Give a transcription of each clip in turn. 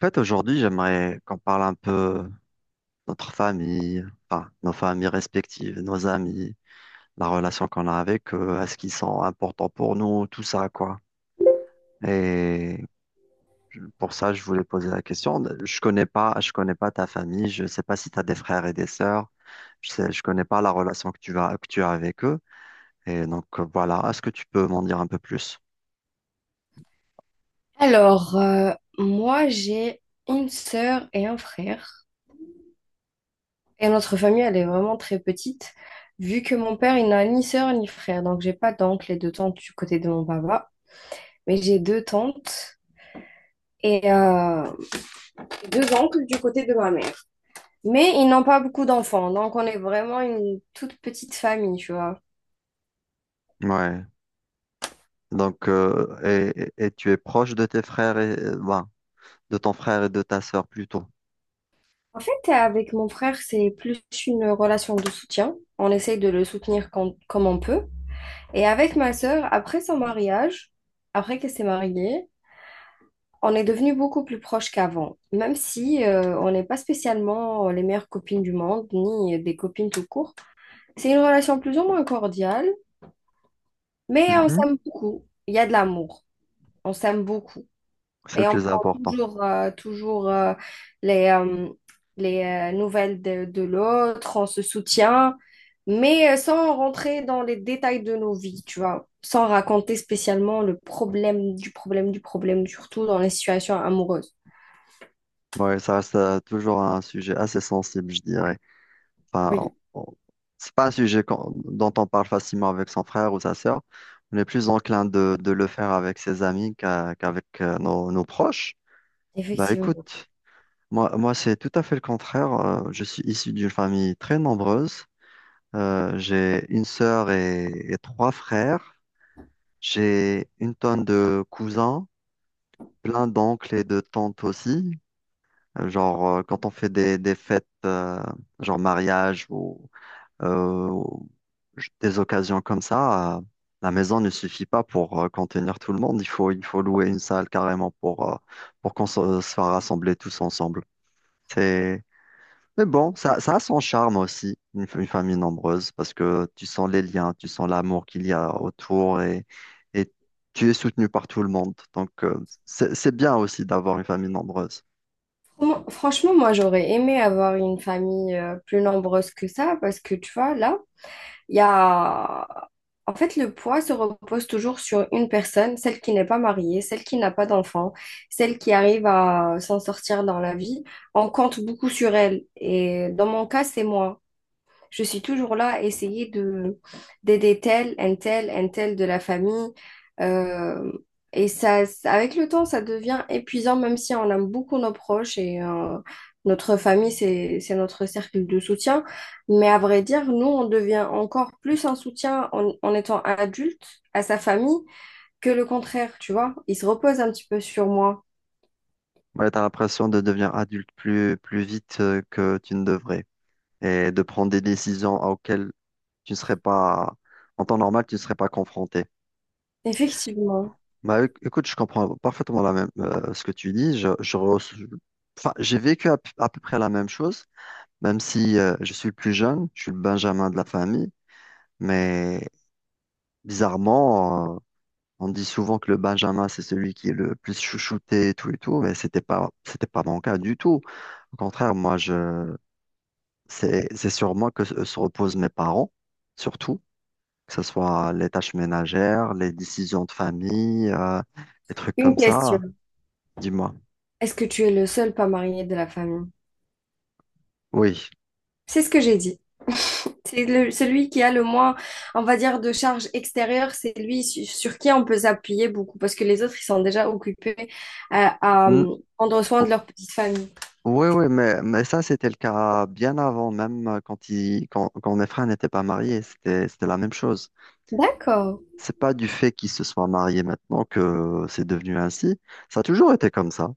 En fait, aujourd'hui, j'aimerais qu'on parle un peu de notre famille, enfin, nos familles respectives, nos amis, la relation qu'on a avec eux, est-ce qu'ils sont importants pour nous, tout ça, quoi. Et pour ça, je voulais poser la question. Je connais pas ta famille, je sais pas si tu as des frères et des sœurs, je connais pas la relation que tu as avec eux. Et donc, voilà, est-ce que tu peux m'en dire un peu plus? Alors, moi, j'ai une sœur et un frère. Et notre famille, elle est vraiment très petite, vu que mon père, il n'a ni sœur ni frère. Donc, j'ai pas d'oncle et de tante du côté de mon papa, mais j'ai deux tantes et deux oncles du côté de ma mère. Mais ils n'ont pas beaucoup d'enfants, donc on est vraiment une toute petite famille, tu vois. Ouais. Donc, et tu es proche de tes frères , euh, ben, de ton frère et de ta sœur plutôt. En fait, avec mon frère, c'est plus une relation de soutien. On essaye de le soutenir comme on peut. Et avec ma sœur, après son mariage, après qu'elle s'est mariée, on est devenus beaucoup plus proches qu'avant, même si on n'est pas spécialement les meilleures copines du monde, ni des copines tout court. C'est une relation plus ou moins cordiale, mais on Mhm. s'aime beaucoup. Il y a de l'amour. On s'aime beaucoup. C'est le Et on plus prend important. toujours, toujours les, euh, les nouvelles de l'autre, on se soutient, mais sans rentrer dans les détails de nos vies, tu vois, sans raconter spécialement le problème du problème, surtout dans les situations amoureuses. Ouais, ça reste toujours un sujet assez sensible, je dirais. Enfin, Oui. on- c'est pas un sujet dont on parle facilement avec son frère ou sa sœur. On est plus enclin de le faire avec ses amis qu'avec nos proches. Bah Effectivement. écoute. Moi, c'est tout à fait le contraire. Je suis issu d'une famille très nombreuse. J'ai une sœur et trois frères. J'ai une tonne de cousins, plein d'oncles et de tantes aussi. Genre, quand on fait des fêtes, genre mariage ou des occasions comme ça, la maison ne suffit pas pour contenir tout le monde. Il faut louer une salle carrément pour qu'on se fasse rassembler tous ensemble. Mais bon, ça a son charme aussi, une famille nombreuse, parce que tu sens les liens, tu sens l'amour qu'il y a autour et tu es soutenu par tout le monde. Donc, c'est bien aussi d'avoir une famille nombreuse. Franchement, moi, j'aurais aimé avoir une famille plus nombreuse que ça, parce que, tu vois, là, Il y a... En fait, le poids se repose toujours sur une personne, celle qui n'est pas mariée, celle qui n'a pas d'enfant, celle qui arrive à s'en sortir dans la vie. On compte beaucoup sur elle. Et dans mon cas, c'est moi. Je suis toujours là à essayer de d'aider tel, un tel de la famille. Euh, Avec le temps, ça devient épuisant, même si on aime beaucoup nos proches et notre famille, c'est notre cercle de soutien. Mais à vrai dire, nous, on devient encore plus un soutien en étant adulte à sa famille que le contraire, tu vois. Il se repose un petit peu sur moi. Ouais, tu as l'impression de devenir adulte plus vite que tu ne devrais et de prendre des décisions auxquelles tu ne serais pas, en temps normal, tu ne serais pas confronté. Effectivement. Bah, écoute, je comprends parfaitement la même, ce que tu dis. Enfin, j'ai vécu à à peu près la même chose. Même si je suis le plus jeune, je suis le Benjamin de la famille, mais bizarrement, on dit souvent que le Benjamin, c'est celui qui est le plus chouchouté et tout, mais c'était pas mon cas du tout. Au contraire, c'est sur moi que se reposent mes parents, surtout, que ce soit les tâches ménagères, les décisions de famille, des trucs Une comme ça. question. Dis-moi. Est-ce que tu es le seul pas marié de la famille? Oui. C'est ce que j'ai dit. Celui qui a le moins, on va dire, de charge extérieure, c'est sur qui on peut s'appuyer beaucoup parce que les autres, ils sont déjà occupés à, à, Mm. euh, prendre soin de leur petite famille. Oui, oui, mais ça, c'était le cas bien avant, même quand mes frères n'étaient pas mariés, c'était la même chose. D'accord, C'est pas du fait qu'ils se soient mariés maintenant que c'est devenu ainsi. Ça a toujours été comme ça.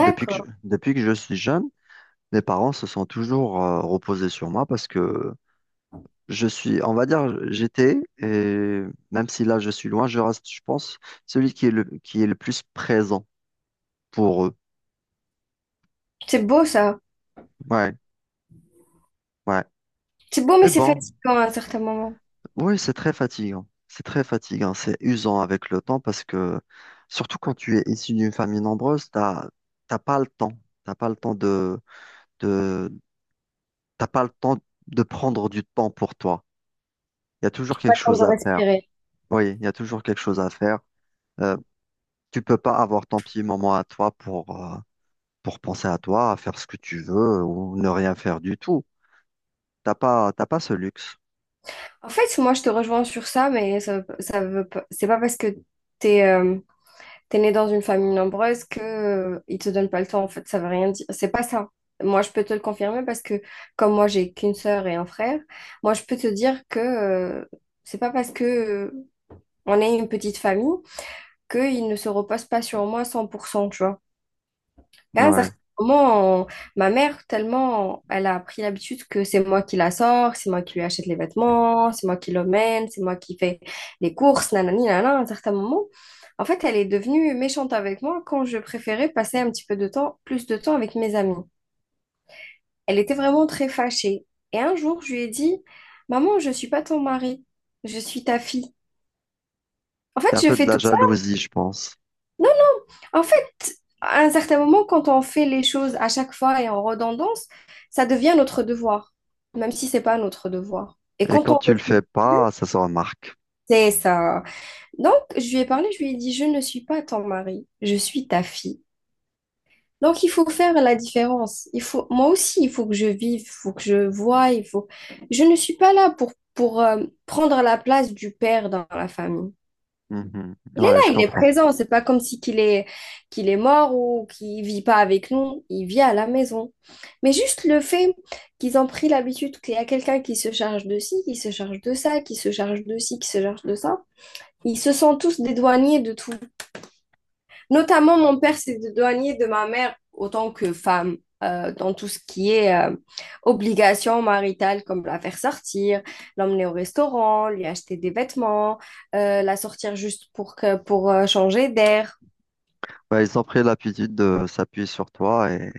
Depuis que je suis jeune, mes parents se sont toujours reposés sur moi parce que je suis, on va dire, j'étais, et même si là je suis loin, je reste, je pense, celui qui est qui est le plus présent pour eux. C'est beau ça. Ouais, ouais. C'est beau, mais Mais c'est bon. fatigant à un certain moment. Oui, c'est très fatigant. C'est très fatigant. C'est usant avec le temps parce que, surtout quand tu es issu d'une famille nombreuse, t'as pas le temps. T'as pas le temps de, t'as pas le temps de prendre du temps pour toi. Il y a toujours Pas quelque le temps chose de à faire. respirer. Oui, il y a toujours quelque chose à faire. Euh, Tu peux pas avoir ton petit moment à toi pour penser à toi, à faire ce que tu veux ou ne rien faire du tout. T'as pas ce luxe. En fait, moi, je te rejoins sur ça, mais ça veut pas, c'est pas parce que t'es, t'es né dans une famille nombreuse que ils te donnent pas le temps, en fait, ça veut rien dire, c'est pas ça. Moi, je peux te le confirmer parce que, comme moi, j'ai qu'une sœur et un frère, moi je peux te dire que c'est pas parce que on est une petite famille qu'ils ne se reposent pas sur moi 100% tu vois. À un certain Ouais. moment, ma mère, tellement, elle a pris l'habitude que c'est moi qui la sors, c'est moi qui lui achète les vêtements, c'est moi qui l'emmène, c'est moi qui fais les courses, nanani, nanana. À un certain moment, en fait, elle est devenue méchante avec moi quand je préférais passer un petit peu de temps, plus de temps avec mes amis. Elle était vraiment très fâchée. Et un jour, je lui ai dit, Maman, je suis pas ton mari, je suis ta fille. En C'est fait, un je peu de fais la tout ça. jalousie, je pense. En fait, à un certain moment, quand on fait les choses à chaque fois et en redondance, ça devient notre devoir, même si c'est pas notre devoir. Et Et quand quand on tu le le fais fait plus, pas, ça se remarque. c'est ça. Donc, je lui ai parlé, je lui ai dit, je ne suis pas ton mari, je suis ta fille. Donc, il faut faire la différence. Il faut, moi aussi, il faut que je vive, il faut que je voie, il faut. Je ne suis pas là pour prendre la place du père dans la famille. Mhm. Il est Ouais, je là, il est comprends. présent. C'est pas comme si qu'il est mort ou qu'il vit pas avec nous. Il vit à la maison. Mais juste le fait qu'ils ont pris l'habitude qu'il y a quelqu'un qui se charge de ci, qui se charge de ça, qui se charge de ci, qui se charge de ça, ils se sont tous dédouanés de tout. Notamment, mon père s'est éloigné de ma mère autant que femme dans tout ce qui est obligations maritales, comme la faire sortir, l'emmener au restaurant, lui acheter des vêtements, la sortir juste pour changer d'air. Bah, ils ont pris l'habitude de s'appuyer sur toi et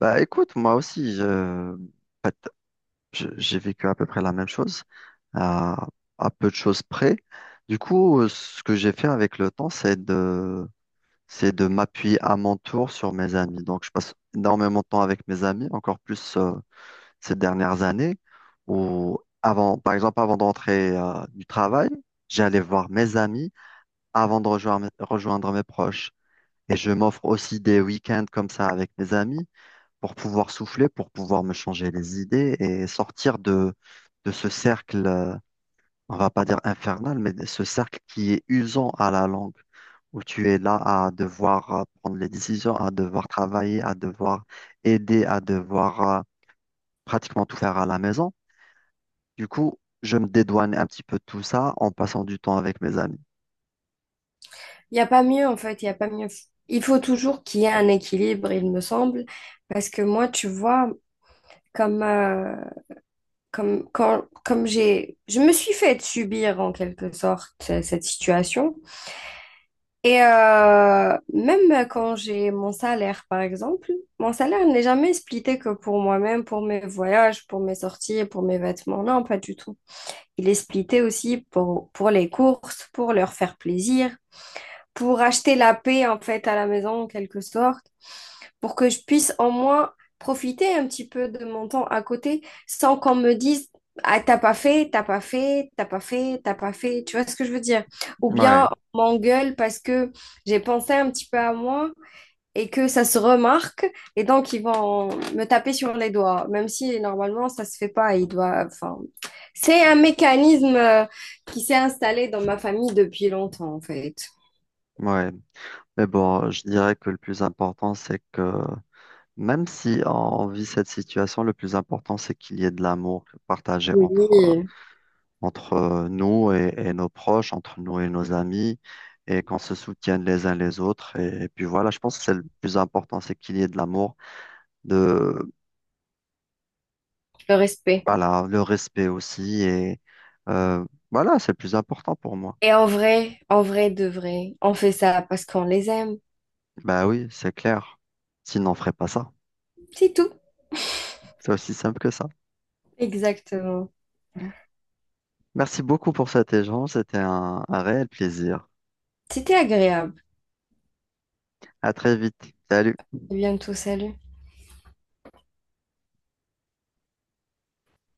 bah écoute, moi aussi, je... en fait, j'ai vécu à peu près la même chose, à... à peu de choses près. Du coup, ce que j'ai fait avec le temps, c'est de m'appuyer à mon tour sur mes amis. Donc, je passe énormément de temps avec mes amis, encore plus ces dernières années, où avant, par exemple, avant d'entrer du travail, j'allais voir mes amis avant de rejoindre mes proches. Et je m'offre aussi des week-ends comme ça avec mes amis pour pouvoir souffler, pour pouvoir me changer les idées et sortir de ce cercle, on va pas dire infernal, mais de ce cercle qui est usant à la langue, où tu es là à devoir prendre les décisions, à devoir travailler, à devoir aider, à devoir pratiquement tout faire à la maison. Du coup, je me dédouane un petit peu de tout ça en passant du temps avec mes amis. Il n'y a pas mieux, en fait, il n'y a pas mieux. Il faut toujours qu'il y ait un équilibre, il me semble, parce que moi, tu vois, comme comme, quand, comme j'ai, je me suis fait subir en quelque sorte cette situation. Et même quand j'ai mon salaire, par exemple, mon salaire n'est jamais splitté que pour moi-même, pour mes voyages, pour mes sorties, pour mes vêtements. Non, pas du tout. Il est splitté aussi pour les courses, pour leur faire plaisir, pour acheter la paix en fait à la maison en quelque sorte pour que je puisse au moins profiter un petit peu de mon temps à côté sans qu'on me dise, ah, t'as pas fait, t'as pas fait, t'as pas fait, t'as pas fait, tu vois ce que je veux dire? Ou Ouais, bien on m'engueule parce que j'ai pensé un petit peu à moi et que ça se remarque et donc ils vont me taper sur les doigts, même si normalement ça se fait pas, ils doivent, enfin, c'est un mécanisme qui s'est installé dans ma famille depuis longtemps en fait. ouais. Mais bon, je dirais que le plus important, c'est que même si on vit cette situation, le plus important, c'est qu'il y ait de l'amour partagé entre, Oui, nous et nos proches, entre nous et nos amis, et qu'on se soutienne les uns les autres. Et puis voilà, je pense que c'est le plus important, c'est qu'il y ait de l'amour, de, le respect. voilà, le respect aussi. Et euh, voilà, c'est le plus important pour moi. Et en vrai de vrai, on fait ça parce qu'on les aime. Ben oui, c'est clair. Sinon, on ferait pas ça. C'est tout. C'est aussi simple que ça. Exactement. Merci beaucoup pour cet échange. C'était un réel plaisir. C'était agréable. À très vite. Salut. À bientôt, salut.